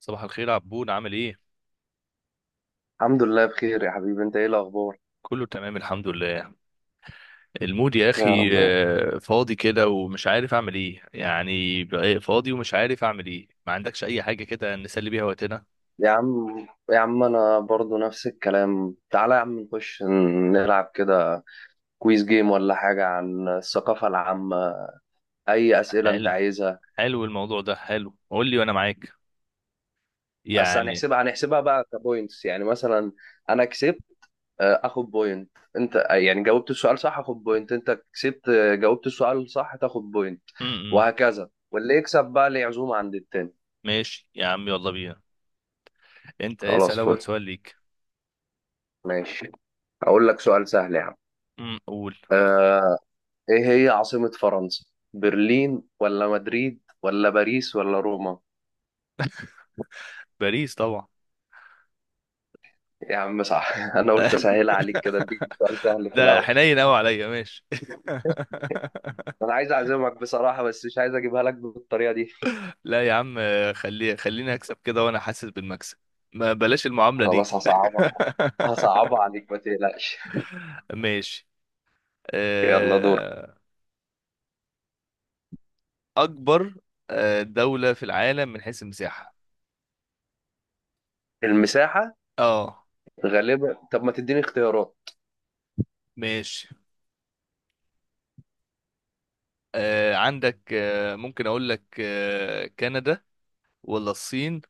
صباح الخير عبود، عامل ايه؟ الحمد لله بخير يا حبيبي، انت ايه الاخبار؟ كله تمام الحمد لله. المود يا يا رب اخي يا رب. فاضي كده ومش عارف اعمل ايه، يعني بقى فاضي ومش عارف اعمل ايه. ما عندكش اي حاجه كده نسلي بيها وقتنا؟ يا عم، يا عم انا برضو نفس الكلام. تعالى يا عم نخش نلعب كده كويز جيم ولا حاجة عن الثقافة العامة. اي اسئلة انت حلو، عايزها. حلو الموضوع ده، حلو قول لي وانا معاك بس يعني. هنحسبها، بقى كبوينتس. يعني مثلا انا كسبت، اخد بوينت. انت، يعني جاوبت السؤال صح، اخد بوينت. انت كسبت، جاوبت السؤال صح، تاخد بوينت. امم، وهكذا، واللي يكسب بقى ليه عزومة عند التاني. ماشي يا عم يلا بينا. انت خلاص، اسال اول فل. سؤال ليك. ماشي، هقول لك سؤال سهل يا عم. قول. آه، ايه هي عاصمة فرنسا؟ برلين ولا مدريد ولا باريس ولا روما؟ باريس طبعا. يا عم صح. انا قلت اسهلها عليك كده، اديك سؤال سهل في ده الاول. حنين قوي عليا، ماشي. انا عايز اعزمك بصراحة بس مش عايز اجيبها لك بالطريقة دي. لا يا عم، خليني اكسب كده وانا حاسس بالمكسب، ما بلاش المعاملة دي. خلاص هصعبها، هصعبها عليك، ما تقلقش. ماشي. يلا دور. آه، اكبر دولة في العالم من حيث المساحة. المساحة. اه غالبا. طب ما تديني اختيارات. ماشي، عندك ممكن اقول لك كندا، ولا الصين،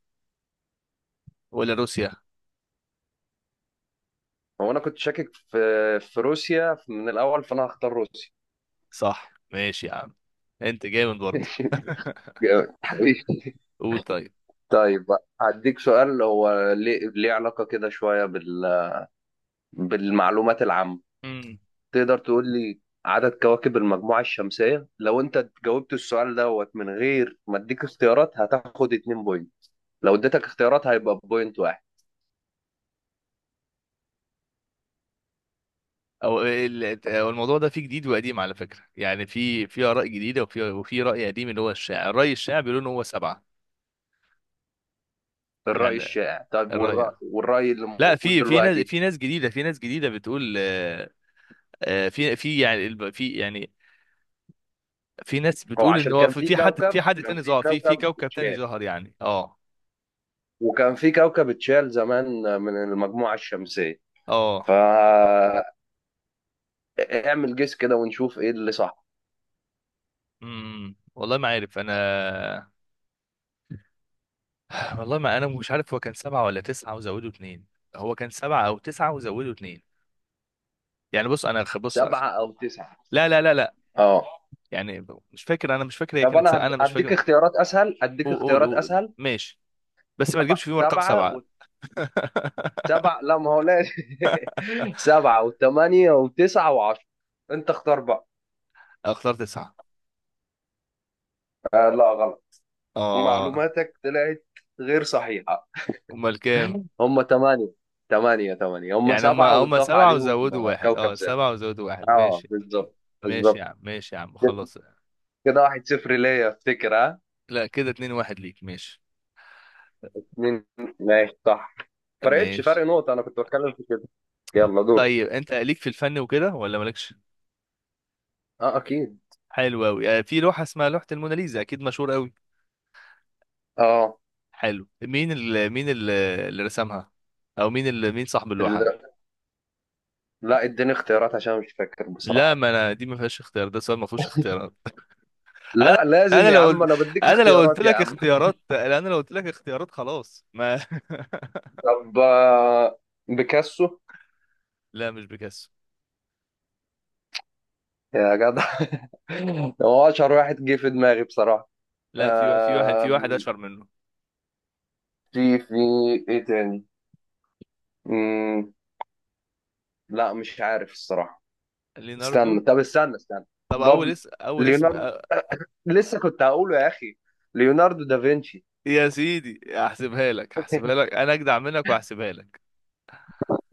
ولا روسيا. هو انا كنت شاكك في روسيا من الاول، فانا هختار روسيا. صح ماشي يا عم، انت جامد برضه. جامد حبيبي. قول طيب هديك سؤال، هو ليه، ليه علاقة كده شوية بالمعلومات العامة. طيب. تقدر تقول لي عدد كواكب المجموعة الشمسية؟ لو انت جاوبت السؤال دوت من غير ما اديك اختيارات هتاخد اتنين بوينت، لو اديتك اختيارات هيبقى بوينت واحد. أو الموضوع ده فيه جديد وقديم على فكره، يعني في اراء جديده، وفي راي قديم اللي هو الشاعر، الراي الشاعر بيقولوا ان هو سبعه الرأي يعني. الشائع؟ طيب، الراي والرأي اللي لا، موجود في ناس، دلوقتي؟ في ناس جديده، في ناس جديده بتقول في يعني في يعني، في ناس هو بتقول ان عشان هو كان في في في حد، كوكب، في حد تاني ظهر، في كوكب تاني اتشال، ظهر يعني. اه وكان في كوكب اتشال زمان من المجموعة الشمسية. اه. فاعمل جيس كده ونشوف ايه اللي صح. امم، والله ما عارف انا. والله ما انا مش عارف هو كان سبعه ولا تسعه وزودوا اتنين، هو كان سبعه او تسعه وزودوا اتنين. يعني بص انا بص سبعة او تسعة؟ لا لا لا لا، اه. يعني مش فاكر، انا مش فاكر هي طب كانت انا ساعة، انا مش هديك فاكر. اختيارات اسهل، هديك قول قول اختيارات قول اسهل. ماشي، بس ما تجيبش سبعة، فيهم رقم سبعة سبعة. وسبعة لا، ما هو لا. سبعة وثمانية وتسعة وعشرة. انت اختار بقى. اختار تسعة. آه لا، غلط. اه. معلوماتك طلعت غير صحيحة. امال كام؟ هم ثمانية. ثمانية، هم يعني هم سبعة هم واتضاف سبعة عليهم، وزودوا واحد، كوكب اه زاد. سبعة وزودوا واحد اه ماشي. بالظبط، ماشي يا بالظبط. عم، ماشي يا عم خلاص. كده واحد صفر ليا، افتكر ها؟ لا كده اتنين واحد ليك، ماشي. مين؟ ماشي، صح. فرقتش، فرق ماشي. نقطة، انا كنت بتكلم في كده. يلا دور. طيب انت ليك في الفن وكده ولا مالكش؟ اه اكيد. حلو قوي، في لوحة اسمها لوحة الموناليزا، اكيد مشهور قوي. حلو، اللي رسمها، او مين صاحب اللوحة. اه لا، اديني اختيارات عشان مش فاكر لا بصراحة. ما انا دي ما فيهاش اختيار، ده سؤال ما فيهوش اختيارات. انا، لا لازم انا يا لو عم، قلت، انا بديك انا لو قلت اختيارات يا لك عم. اختيارات، انا لو قلت لك اختيارات خلاص ما. طب، بيكاسو. لا مش بيكاسو. يا جدع. هو اشهر واحد جه في دماغي بصراحة. لا في في واحد، في واحد آم، اشهر منه. في ايه تاني؟ مم، لا مش عارف الصراحة. ليناردو. استنى، طب استنى، طب اول بابل. اسم، اول اسم ليوناردو. لسه كنت هقوله يا اخي، ليوناردو دافنشي. يا سيدي هحسبها لك، هحسبها لك، انا اجدع منك وهحسبها لك.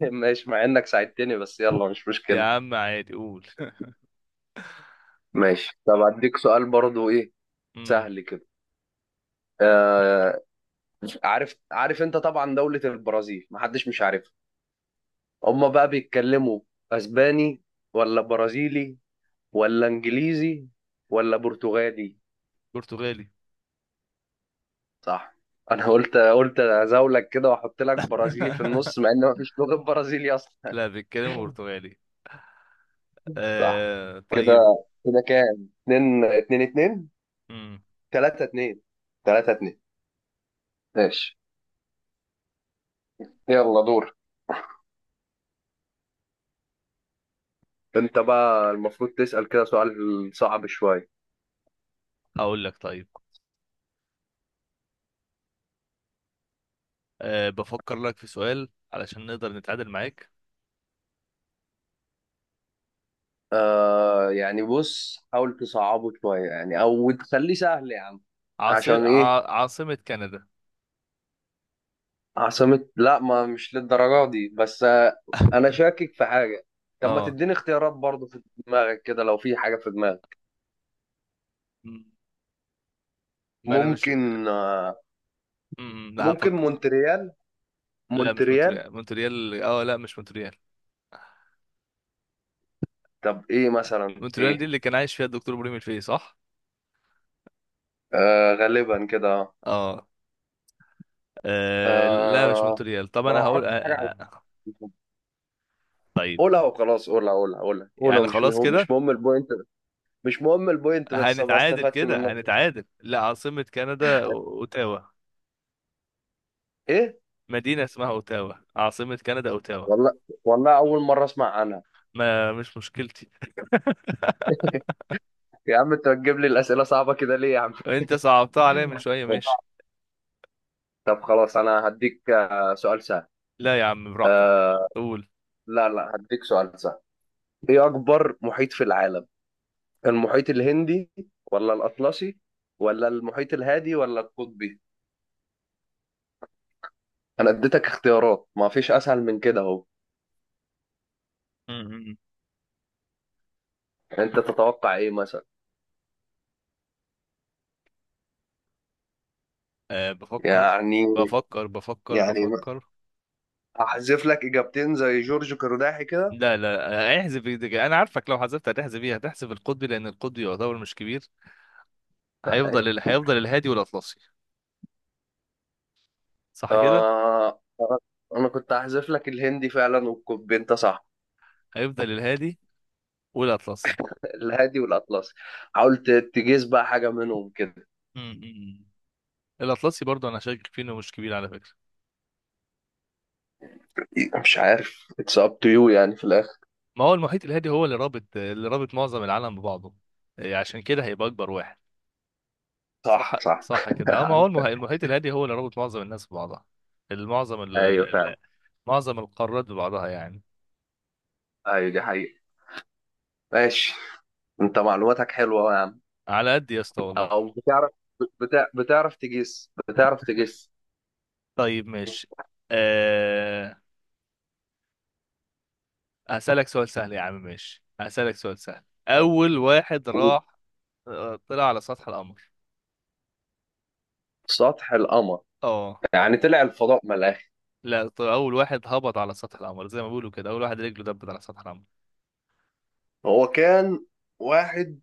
ماشي، مع انك ساعدتني بس يلا، مش يا مشكلة. عم عادي قول. ماشي، طب اديك سؤال برضو ايه، امم. سهل كده. آه، عارف، عارف انت طبعا دولة البرازيل محدش مش عارفها. هما بقى بيتكلموا اسباني ولا برازيلي ولا انجليزي ولا برتغالي؟ برتغالي. صح. انا قلت، ازولك كده واحط لك برازيلي في النص مع ان مفيش لغة برازيلي اصلا. لا بيتكلم برتغالي. صح آه كده. طيب. كده كام؟ اتنين اتنين، امم. تلاتة اتنين، تلاتة اتنين. ماشي. يلا دور. انت بقى المفروض تسأل كده سؤال صعب شوية. هقول لك طيب، آه بفكر لك في سؤال علشان نقدر نتعادل معاك. آه يعني بص، حاول تصعبه شوية يعني أو تخليه سهل يا عم. عشان إيه؟ عاصمة كندا. عاصمة؟ لا، ما مش للدرجة دي بس آه. أنا شاكك في حاجة. طب ما اه. تديني اختيارات برضه، في دماغك كده لو في حاجة في دماغك. م- ما انا مش، ممكن آه. لا ممكن هفكر. مونتريال. لا مش مونتريال. مونتريال، مونتريال اه لا مش مونتريال. طب إيه مثلا، مونتريال دي إيه؟ اللي كان عايش فيها الدكتور ابراهيم الفقي صح. آه غالبا كده آه. اه. لا مش آه، مونتريال، طب ما أنا انا ما هقول أعرفش حاجة عن. طيب. قولها وخلاص، قولها، قولها، قولها، قولها، يعني مش خلاص مهم، كده مش مهم البوينت. مش مهم البوينت، بس أبقى هنتعادل، استفدت كده منك. هنتعادل. لا عاصمة كندا اوتاوا. ايه؟ مدينة اسمها اوتاوا، عاصمة كندا اوتاوا. والله. والله اول مره اسمع عنها. ما مش مشكلتي. يا عم انت بتجيب لي الاسئله صعبه كده ليه يا عم؟ انت صعبتها عليا من شوية ماشي. طب خلاص انا هديك، سؤال سهل. لا يا عم براحتك. آه. قول. لا لا، هديك سؤال سهل. ايه اكبر محيط في العالم؟ المحيط الهندي ولا الاطلسي ولا المحيط الهادي ولا القطبي؟ انا اديتك اختيارات، ما فيش اسهل من كده اهو. امم. انت تتوقع ايه مثلا؟ أه بفكر يعني، بفكر بفكر يعني بفكر. احذف لك اجابتين زي جورج قرداحي كده. لا لا احذف إيدك. انا عارفك لو حذفت هتحذف ايه، هتحذف القطبي لان القطبي يعتبر مش كبير. هيفضل ال... هيفضل الهادي والاطلسي، صح كده. آه، أنا كنت هحذف لك الهندي فعلا والكوبي، أنت صح. هيفضل الهادي والاطلسي. الهادي والأطلسي. حاولت تجيز بقى حاجة منهم كده. امم. الاطلسي برضه انا شاكك فيه انه مش كبير على فكره. مش عارف، اتس اب تو يو يعني في الآخر. ما هو المحيط الهادي هو اللي رابط، اللي رابط معظم العالم ببعضه، عشان كده هيبقى اكبر واحد. صح. صح صح. صح كده اه، ما هو المحيط الهادي هو اللي رابط معظم الناس ببعضها، المعظم ال- ال- أيوه فعلا. ال- معظم القارات ببعضها يعني. أيوه دي حقيقة. ماشي. أنت معلوماتك حلوة يا عم. على قد يا اسطى والله. أو بتعرف، بتعرف تجيس، بتعرف تجيس. طيب ماشي. أه... هسألك سؤال سهل يا عم، ماشي هسألك سؤال سهل. أول واحد راح طلع على سطح القمر. سطح القمر؟ اه. يعني طلع الفضاء من الآخر. لا أول واحد هبط على سطح القمر زي ما بيقولوا كده، أول واحد رجله دبت على سطح القمر. هو كان واحد،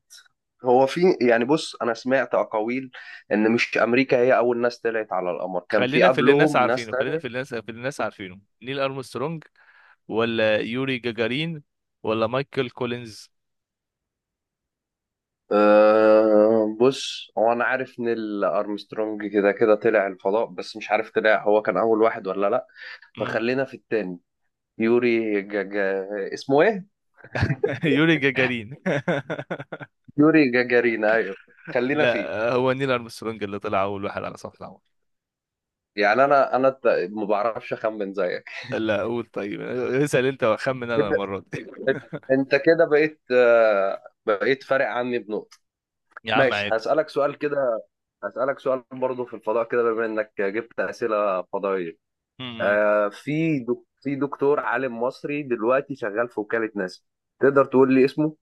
هو في يعني بص انا سمعت اقاويل ان مش امريكا هي اول ناس طلعت على القمر، كان في خلينا في اللي الناس قبلهم ناس عارفينه خلينا تانية. في اللي الناس في اللي الناس عارفينه، نيل أرمسترونج، ولا يوري جاجارين، ولا مايكل كولينز. أه بص، هو انا عارف نيل ارمسترونج كده كده طلع الفضاء بس مش عارف طلع هو كان اول واحد ولا لا. مم. فخلينا في التاني، يوري جاجا، اسمه ايه؟ يوري جاجارين. يوري جاجارين ايوه، خلينا فيه. لا هو نيل أرمسترونج اللي طلع أول واحد على سطح القمر. يعني انا، ما بعرفش اخمن زيك. لا قول طيب، اسأل انت واخمن انا كده المرة دي. انت كده بقيت، بقيت فارق عني بنقطة. يا عم ماشي، عادي. هسألك سؤال كده، هسألك سؤال برضه في الفضاء كده بما إنك جبت أسئلة فضائية. م- م. آه في في دكتور عالم مصري دلوقتي شغال في وكالة ناسا. تقدر تقول لي اسمه؟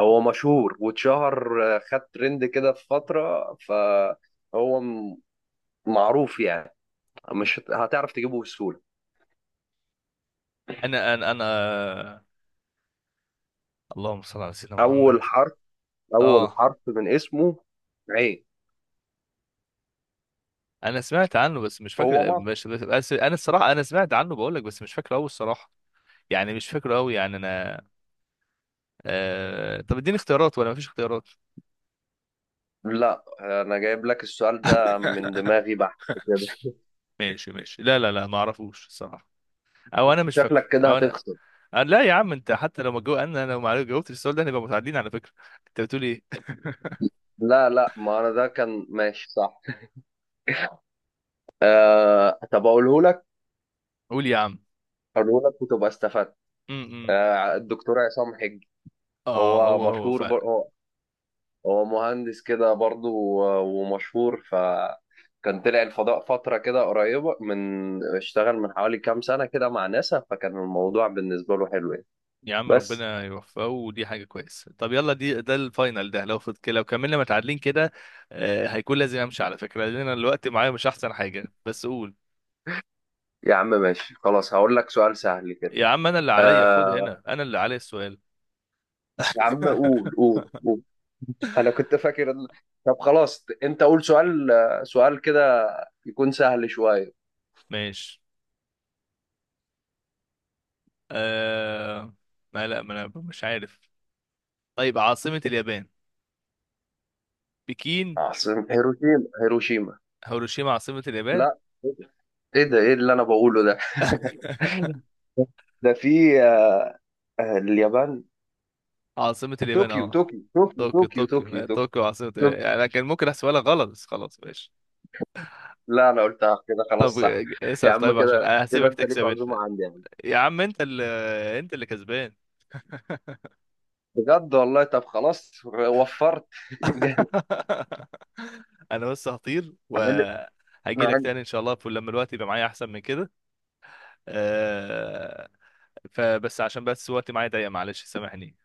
هو مشهور واتشهر، خد ترند كده في فترة، فهو معروف يعني، مش هت- هتعرف تجيبه بسهولة. انا اللهم صل على سيدنا أول محمد. حرف، أول اه. حرف من اسمه عين. انا سمعت عنه بس مش فاكر هو مصري. مش بس، بس انا الصراحة انا سمعت عنه بقول لك، بس مش فاكره قوي الصراحة. يعني مش فاكره قوي يعني انا. طب اديني اختيارات ولا مفيش اختيارات؟ لا، أنا جايب لك السؤال ده من دماغي بحت. كده ماشي ماشي، لا لا لا ما اعرفوش الصراحة، او انا مش فاكره، شكلك كده او انا. هتخسر. لا يا عم، انت حتى لو ما جو... انا لو ما جاوبتش السؤال ده هنبقى متعادلين على فكرة. انت بتقول ايه؟ لا لا، ما انا ده كان ماشي صح. آه طب اقوله لك، قول يا عم. اقوله لك وتبقى استفدت. م- م. آه، الدكتور عصام حجي. اه هو هو، هو فعلا. هو، هو مهندس كده برضه ومشهور ف، كان طلع الفضاء فترة كده قريبة من، اشتغل من حوالي كام سنة كده مع ناسا، فكان الموضوع بالنسبة له حلو يعني. يا عم بس. ربنا يوفقه ودي حاجة كويسة. طب يلا، دي ده الفاينل ده، لو فض كده لو كملنا متعادلين كده. آه هيكون لازم امشي على فكرة لان انا الوقت معايا مش احسن حاجة، بس قول. يا عم ماشي خلاص، هقول لك سؤال سهل كده. يا عم انا اللي عليا خد آه. هنا، انا اللي عليا السؤال. يا عم قول، قول، قول. انا كنت فاكر طب خلاص انت قول سؤال، سؤال كده يكون سهل شوية. ماشي. آه. ما لا، ما انا مش عارف. طيب عاصمة اليابان. بكين؟ عاصمة هيروشيما؟ هيروشيما؟ هيروشيما عاصمة اليابان؟ لا، ايه ده، ايه اللي انا بقوله ده؟ ده في، اليابان. عاصمة اليابان طوكيو، اه، طوكيو، طوكيو، طوكيو، طوكيو، طوكيو، طوكيو طوكيو طوكيو عاصمة طوكيو. اليابان. يعني انا كان ممكن احسبها لك غلط بس خلاص ماشي. لا انا قلتها كده خلاص، طب صح. يا اسأل عم طيب، كده عشان انا كده هسيبك انت ليك تكسب انت. عزومة عندي يا عم. يا عم انت اللي كسبان. بجد والله. طب خلاص وفرت. جامد. انا بس هطير أنا- أنا- وهجي لك عندي- تاني ان شاء الله لما الوقت يبقى معايا احسن من كده. آه، فبس عشان، بس وقتي معايا ضيق معلش سامحني.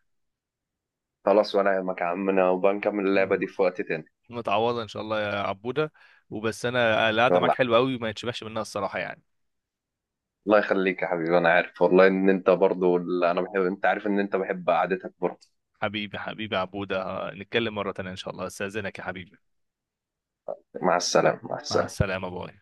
خلاص، وانا يهمك يا عمنا، وبنكمل اللعبة م- دي في وقت تاني. متعوضة ان شاء الله يا عبودة. وبس انا القعدة معاك والله. حلوة قوي وما يتشبعش منها الصراحة يعني. الله يخليك يا حبيبي، انا عارف والله ان انت برضو، انا بحب، انت عارف ان انت بحب قعدتك برضو. حبيبي عبودة، نتكلم مرة تانية ان شاء الله، استاذنك يا حبيبي. مع السلامة، مع مع السلامة. السلامة باي.